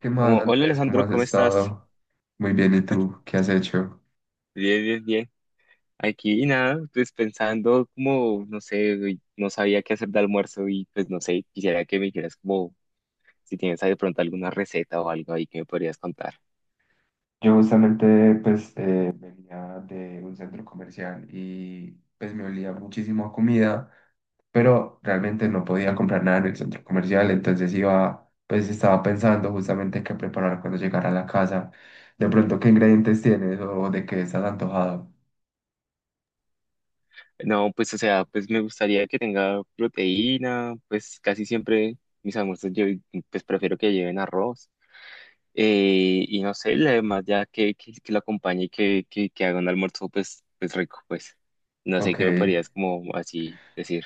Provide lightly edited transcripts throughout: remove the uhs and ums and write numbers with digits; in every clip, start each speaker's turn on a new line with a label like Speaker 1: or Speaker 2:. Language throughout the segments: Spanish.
Speaker 1: ¿Qué más,
Speaker 2: Como, hola
Speaker 1: Andrés? ¿Cómo
Speaker 2: Alejandro,
Speaker 1: has
Speaker 2: ¿cómo estás?
Speaker 1: estado? Muy bien, ¿y tú? ¿Qué has hecho?
Speaker 2: Bien, bien, bien. Aquí nada, pues pensando como, no sé, uy, no sabía qué hacer de almuerzo y pues no sé, quisiera que me dijeras como si tienes ahí de pronto alguna receta o algo ahí que me podrías contar.
Speaker 1: Yo justamente pues venía de un centro comercial y pues me olía muchísimo a comida, pero realmente no podía comprar nada en el centro comercial, entonces iba, pues estaba pensando justamente qué preparar cuando llegara a la casa. De pronto, ¿qué ingredientes tienes o de qué estás antojado?
Speaker 2: No, pues o sea, pues me gustaría que tenga proteína, pues casi siempre mis almuerzos yo pues prefiero que lleven arroz. Y no sé, además ya que lo acompañe y que haga un almuerzo pues, pues rico, pues no sé
Speaker 1: Ok.
Speaker 2: qué me podrías como así decir.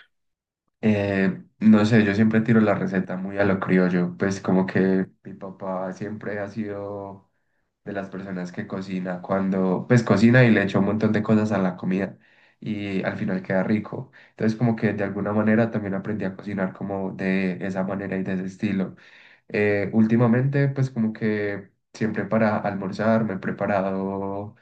Speaker 1: No sé, yo siempre tiro la receta muy a lo criollo, pues como que mi papá siempre ha sido de las personas que cocina cuando, pues cocina y le echa un montón de cosas a la comida y al final queda rico. Entonces como que de alguna manera también aprendí a cocinar como de esa manera y de ese estilo. Últimamente pues como que siempre para almorzar me he preparado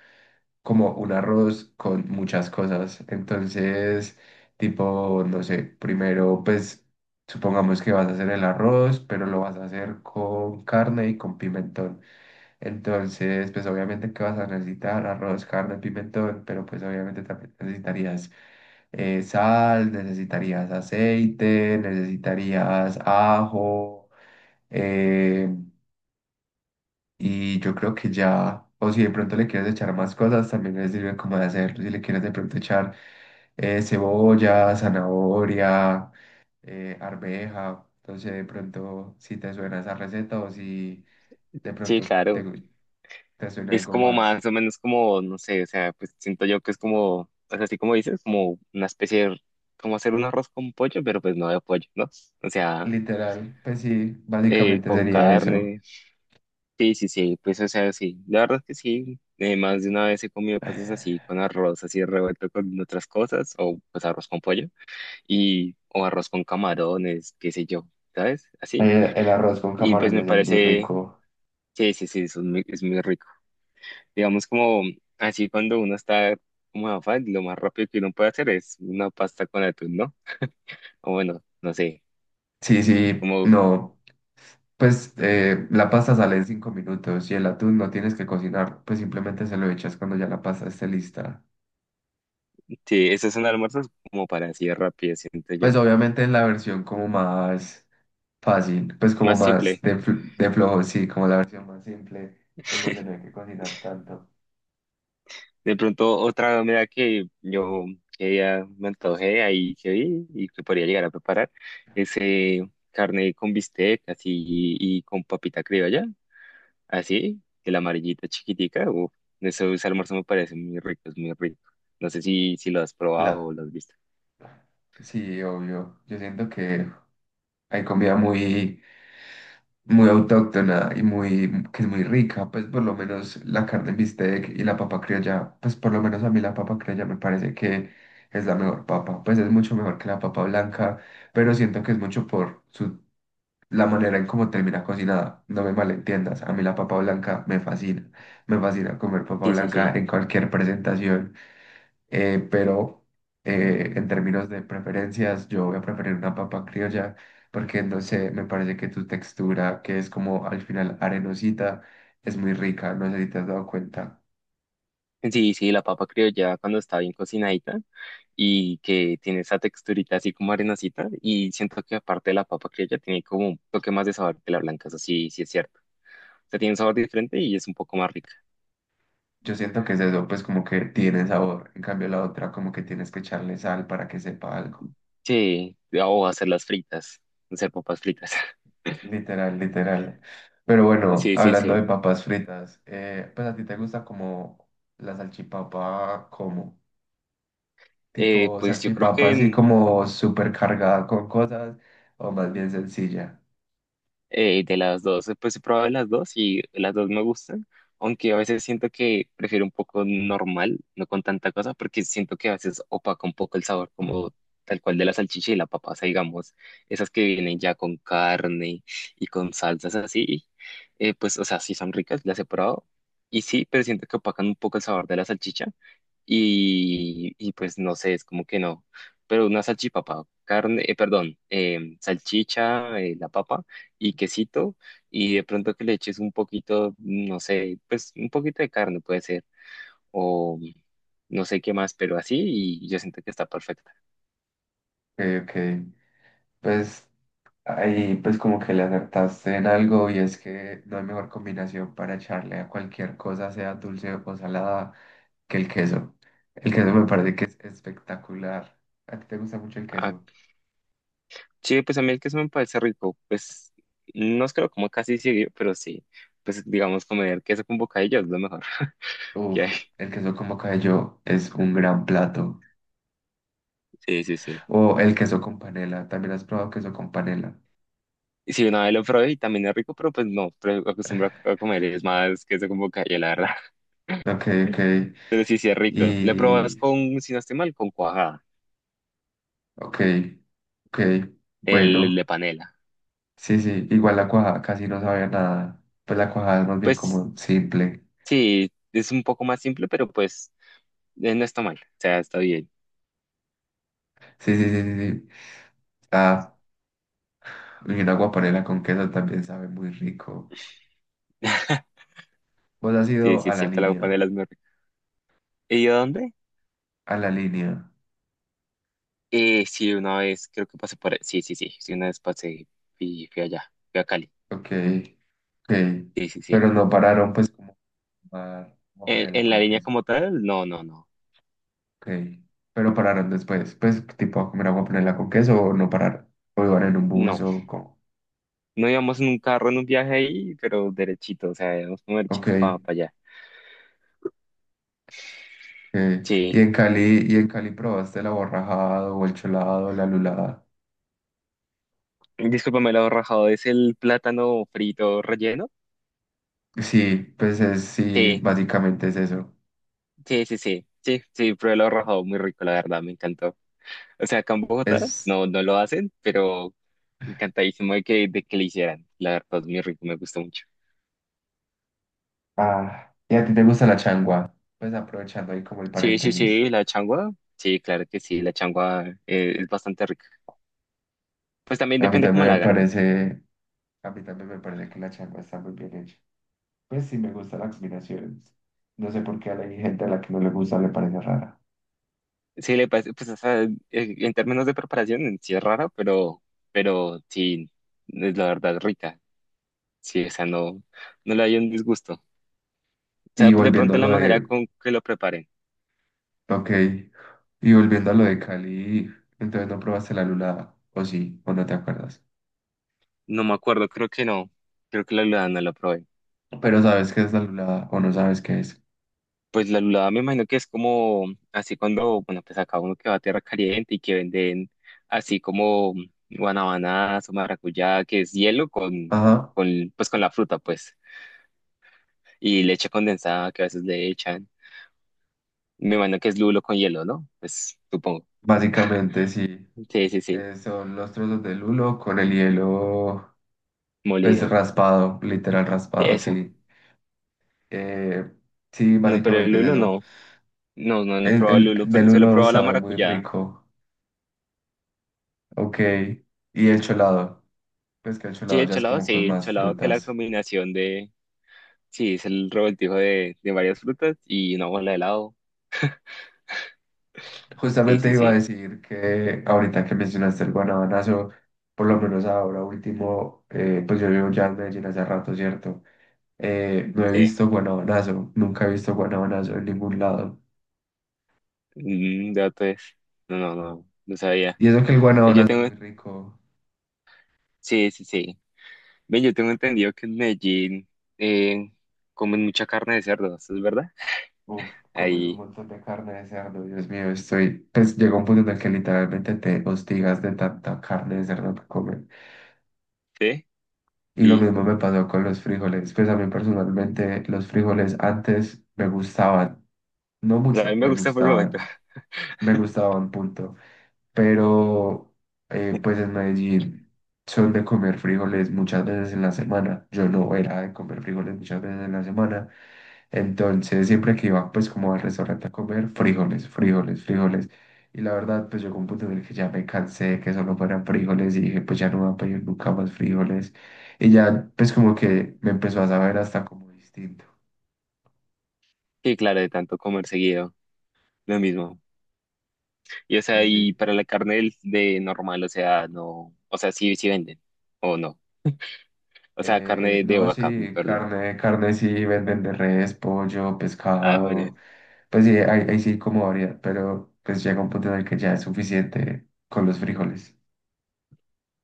Speaker 1: como un arroz con muchas cosas. Entonces, tipo, no sé, primero, pues supongamos que vas a hacer el arroz, pero lo vas a hacer con carne y con pimentón. Entonces, pues obviamente que vas a necesitar arroz, carne, pimentón, pero pues obviamente también necesitarías sal, necesitarías aceite, necesitarías ajo. eh, y yo creo que ya, o si de pronto le quieres echar más cosas, también le sirve como de hacerlo. Si le quieres de pronto echar cebolla, zanahoria, arveja, entonces de pronto si te suena esa receta o si de
Speaker 2: Sí,
Speaker 1: pronto
Speaker 2: claro.
Speaker 1: te suena
Speaker 2: Es
Speaker 1: algo
Speaker 2: como
Speaker 1: más.
Speaker 2: más o menos como, no sé, o sea, pues siento yo que es como, pues así como dices, como una especie de, como hacer un arroz con pollo, pero pues no de pollo, ¿no? O sea,
Speaker 1: Literal, pues sí, básicamente
Speaker 2: con
Speaker 1: sería eso.
Speaker 2: carne. Sí, sí, sí, pues o sea, sí. La verdad es que sí. Más de una vez he comido cosas así, con arroz así revuelto con otras cosas, o pues arroz con pollo, y, o arroz con camarones, qué sé yo, ¿sabes? Así.
Speaker 1: Ay, el arroz con
Speaker 2: Y pues me
Speaker 1: camarones es muy
Speaker 2: parece,
Speaker 1: rico.
Speaker 2: sí, sí, sí, es muy rico. Digamos como así cuando uno está como en afán, lo más rápido que uno puede hacer es una pasta con atún, ¿no? O bueno, no sé,
Speaker 1: Sí, sí,
Speaker 2: como
Speaker 1: no. Pues la pasta sale en 5 minutos y el atún no tienes que cocinar, pues simplemente se lo echas cuando ya la pasta esté lista.
Speaker 2: sí, esos son almuerzos como para así de rápido, siento yo.
Speaker 1: Pues obviamente en la versión como más fácil, pues como
Speaker 2: Más
Speaker 1: más
Speaker 2: simple.
Speaker 1: de, de flojo, sí, como la versión más simple, en donde no hay que cocinar tanto.
Speaker 2: De pronto otra comida que yo que ya me antojé ahí que vi y que podría llegar a preparar es carne con bistec así y, con papita criolla. Así, que la amarillita chiquitica, uf, eso, ese almuerzo me parece muy rico, es muy rico. No sé si, si lo has probado
Speaker 1: La...
Speaker 2: o lo has visto.
Speaker 1: Sí, obvio. Yo siento que hay comida muy, muy autóctona y muy, que es muy rica, pues por lo menos la carne en bistec y la papa criolla, pues por lo menos a mí la papa criolla me parece que es la mejor papa, pues es mucho mejor que la papa blanca, pero siento que es mucho por su, la manera en cómo termina cocinada, no me malentiendas, a mí la papa blanca me fascina comer papa
Speaker 2: Sí, sí,
Speaker 1: blanca
Speaker 2: sí.
Speaker 1: en cualquier presentación pero en términos de preferencias, yo voy a preferir una papa criolla porque no sé, me parece que tu textura, que es como al final arenosita, es muy rica, no sé si te has dado cuenta.
Speaker 2: Sí, sí, la papa criolla cuando está bien cocinadita y que tiene esa texturita así como arenosita y siento que aparte de la papa criolla tiene como un toque más de sabor que la blanca, eso sí, sí es cierto. O sea, tiene un sabor diferente y es un poco más rica.
Speaker 1: Yo siento que es eso, pues como que tiene sabor, en cambio la otra como que tienes que echarle sal para que sepa algo.
Speaker 2: Sí, o hacer las fritas, hacer papas fritas.
Speaker 1: Literal, literal. Pero bueno,
Speaker 2: Sí, sí,
Speaker 1: hablando de
Speaker 2: sí.
Speaker 1: papas fritas, pues a ti te gusta como la salchipapa, cómo tipo
Speaker 2: Pues yo creo
Speaker 1: salchipapa así
Speaker 2: que
Speaker 1: como súper cargada con cosas o más bien sencilla.
Speaker 2: De las dos, pues he probado las dos y las dos me gustan, aunque a veces siento que prefiero un poco normal, no con tanta cosa, porque siento que a veces opaca un poco el sabor, como tal cual de la salchicha y la papa, o sea, digamos, esas que vienen ya con carne y con salsas así, pues, o sea, sí son ricas, las he probado, y sí, pero siento que opacan un poco el sabor de la salchicha, y pues no sé, es como que no, pero una salchipapa, carne, perdón, salchicha, la papa y quesito y de pronto que le eches un poquito, no sé, pues un poquito de carne puede ser o no sé qué más, pero así y yo siento que está perfecta.
Speaker 1: Ok, ok. Pues ahí pues como que le acertaste en algo y es que no hay mejor combinación para echarle a cualquier cosa, sea dulce o salada, que el queso. El queso me parece que es espectacular. ¿A ti te gusta mucho el
Speaker 2: Ah,
Speaker 1: queso?
Speaker 2: sí, pues a mí el queso me parece rico, pues no es que lo como casi seguido, pero sí, pues digamos comer queso con bocadillo es lo mejor que
Speaker 1: Uf,
Speaker 2: hay.
Speaker 1: el queso como cayó es un gran plato.
Speaker 2: Sí, sí, sí.
Speaker 1: O el queso con panela, también has probado queso con panela.
Speaker 2: Y sí, una vez lo probé y también es rico, pero pues no, pero acostumbro a comer es más queso con bocadillo, la verdad.
Speaker 1: Ok, ok.
Speaker 2: Pero sí, sí es rico. Le probas
Speaker 1: Y
Speaker 2: con, si no estoy mal, con cuajada,
Speaker 1: ok, ok,
Speaker 2: el
Speaker 1: bueno,
Speaker 2: de panela.
Speaker 1: sí, sí, igual la cuajada casi no sabía nada, pues la cuajada es más bien
Speaker 2: Pues
Speaker 1: como simple,
Speaker 2: sí, es un poco más simple, pero pues no está mal. O sea, está bien.
Speaker 1: sí, sí, sí, sí, sí, ah, y una guapanela con queso también sabe muy rico, vos has
Speaker 2: Sí,
Speaker 1: ido
Speaker 2: sí, es cierto, la copa de las muy rica. ¿Y a dónde?
Speaker 1: a la línea,
Speaker 2: Sí, una vez creo que pasé por... Sí, sí, sí, sí, una vez pasé y fui allá, fui a Cali.
Speaker 1: ok, ok,
Speaker 2: Sí, sí, sí.
Speaker 1: pero no pararon pues como a tomar guapanela
Speaker 2: En la
Speaker 1: con
Speaker 2: línea
Speaker 1: queso,
Speaker 2: como tal? No, no, no.
Speaker 1: ok, pero pararon después, pues tipo a comer guapanela con queso o no pararon, o iban en un bus
Speaker 2: No,
Speaker 1: o como,
Speaker 2: no íbamos en un carro en un viaje ahí, pero derechito, o sea, íbamos como
Speaker 1: ok.
Speaker 2: derechito para allá.
Speaker 1: Y
Speaker 2: Sí.
Speaker 1: en Cali, y en Cali probaste el aborrajado o el cholado, la lulada.
Speaker 2: Discúlpame lo rajado, ¿es el plátano frito relleno?
Speaker 1: Sí, pues es, sí,
Speaker 2: Sí,
Speaker 1: básicamente es eso.
Speaker 2: sí, sí, sí, sí, sí, probé lo rajado, muy rico, la verdad, me encantó. O sea, acá en Bogotá
Speaker 1: Es,
Speaker 2: no, no lo hacen, pero encantadísimo de que lo hicieran. La verdad es muy rico, me gusta mucho.
Speaker 1: ah, y a ti te gusta la changua, pues aprovechando ahí como el
Speaker 2: Sí, sí,
Speaker 1: paréntesis.
Speaker 2: sí, la changua. Sí, claro que sí, la changua es bastante rica. Pues también
Speaker 1: A mí
Speaker 2: depende cómo
Speaker 1: también
Speaker 2: la
Speaker 1: me
Speaker 2: hagan, ¿no?
Speaker 1: parece, a mí también me parece que la changua está muy bien hecha. Pues sí me gusta la combinación. No sé por qué a la hay gente a la que no le gusta, le parece rara.
Speaker 2: Sí, le parece, pues o sea, en términos de preparación en sí es raro, pero sí, es la verdad rica. Sí, o sea, no, no le hay un disgusto. O sea,
Speaker 1: Y
Speaker 2: de
Speaker 1: volviendo
Speaker 2: pronto
Speaker 1: a
Speaker 2: la
Speaker 1: lo
Speaker 2: manera
Speaker 1: de,
Speaker 2: con que lo preparen.
Speaker 1: ok, y volviendo a lo de Cali, entonces no probaste la lulada, o sí, o no te acuerdas.
Speaker 2: No me acuerdo, creo que no. Creo que la verdad no lo probé.
Speaker 1: Pero sabes qué es la lulada o no sabes qué es.
Speaker 2: Pues la lulada me imagino que es como así cuando, bueno, pues acá uno que va a tierra caliente y que venden así como guanabanas o maracuyá, que es hielo
Speaker 1: Ajá.
Speaker 2: con, pues con la fruta, pues, y leche condensada que a veces le echan. Me imagino que es lulo con hielo, ¿no? Pues supongo.
Speaker 1: Básicamente sí.
Speaker 2: Sí, sí, sí,
Speaker 1: Son los trozos de lulo con el hielo, pues
Speaker 2: molido.
Speaker 1: raspado, literal raspado,
Speaker 2: Eso.
Speaker 1: sí. Eh, sí,
Speaker 2: No, pero el
Speaker 1: básicamente es
Speaker 2: lulo
Speaker 1: eso.
Speaker 2: no. No, no, no he probado el
Speaker 1: El
Speaker 2: lulo,
Speaker 1: del
Speaker 2: pero se lo he
Speaker 1: lulo
Speaker 2: probado la
Speaker 1: sabe muy
Speaker 2: maracuyá.
Speaker 1: rico. Ok. Y el cholado. Pues que el cholado ya es como con
Speaker 2: Sí, el
Speaker 1: más
Speaker 2: cholado que es la
Speaker 1: frutas.
Speaker 2: combinación de, sí, es el revoltijo de varias frutas y una bola de helado. Sí,
Speaker 1: Justamente
Speaker 2: sí,
Speaker 1: iba a
Speaker 2: sí,
Speaker 1: decir que ahorita que mencionaste el guanabanazo, por lo menos ahora último, pues yo llevo ya en Medellín hace rato, ¿cierto? No he
Speaker 2: sí.
Speaker 1: visto guanabonazo, nunca he visto guanabonazo en ningún lado.
Speaker 2: Mm, dato es. No, no, no, no sabía.
Speaker 1: Y eso que el
Speaker 2: Yo
Speaker 1: guanabonazo es
Speaker 2: tengo,
Speaker 1: muy rico.
Speaker 2: sí, sí, sí. Ven, yo tengo entendido que en Medellín eh, comen mucha carne de cerdo, ¿eso es verdad?
Speaker 1: Uf, comer un
Speaker 2: Ahí,
Speaker 1: montón de carne de cerdo, Dios mío, estoy. Pues llega un punto en el que literalmente te hostigas de tanta carne de cerdo que comen.
Speaker 2: sí.
Speaker 1: Y lo
Speaker 2: Y
Speaker 1: mismo me pasó con los frijoles. Pues a mí personalmente los frijoles antes me gustaban, no
Speaker 2: pues, a mí
Speaker 1: mucho,
Speaker 2: me
Speaker 1: me
Speaker 2: gusta por el momento.
Speaker 1: gustaban. Me gustaban, punto. Pero pues en Medellín son de comer frijoles muchas veces en la semana. Yo no era de comer frijoles muchas veces en la semana. Entonces siempre que iba pues como al restaurante a comer frijoles, frijoles, frijoles. Y la verdad pues llegó un punto en el que ya me cansé de que solo fueran frijoles y dije pues ya no voy a pedir nunca más frijoles. Y ya pues como que me empezó a saber hasta como distinto.
Speaker 2: Sí, claro, de tanto comer seguido, lo mismo. Y o sea,
Speaker 1: Sí,
Speaker 2: y
Speaker 1: sí.
Speaker 2: para la carne del- de normal, o sea, no, o sea, sí, sí venden, o no. O sea, carne de
Speaker 1: No,
Speaker 2: vaca,
Speaker 1: sí,
Speaker 2: perdón.
Speaker 1: carne, carne sí, venden de res, pollo,
Speaker 2: Ah, bueno,
Speaker 1: pescado. Pues sí, ahí, ahí sí como variedad, pero pues llega un punto en el que ya es suficiente con los frijoles.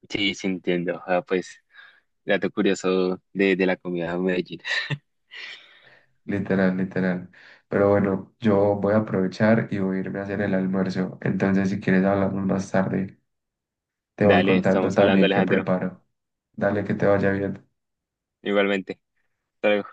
Speaker 2: sí, sí entiendo. Ah, pues, dato curioso de la comida de Medellín.
Speaker 1: Literal, literal. Pero bueno, yo voy a aprovechar y voy a irme a hacer el almuerzo. Entonces, si quieres, hablamos más tarde. Te voy
Speaker 2: Dale,
Speaker 1: contando
Speaker 2: estamos hablando,
Speaker 1: también qué
Speaker 2: Alejandro.
Speaker 1: preparo. Dale, que te vaya bien.
Speaker 2: Igualmente. Hasta luego.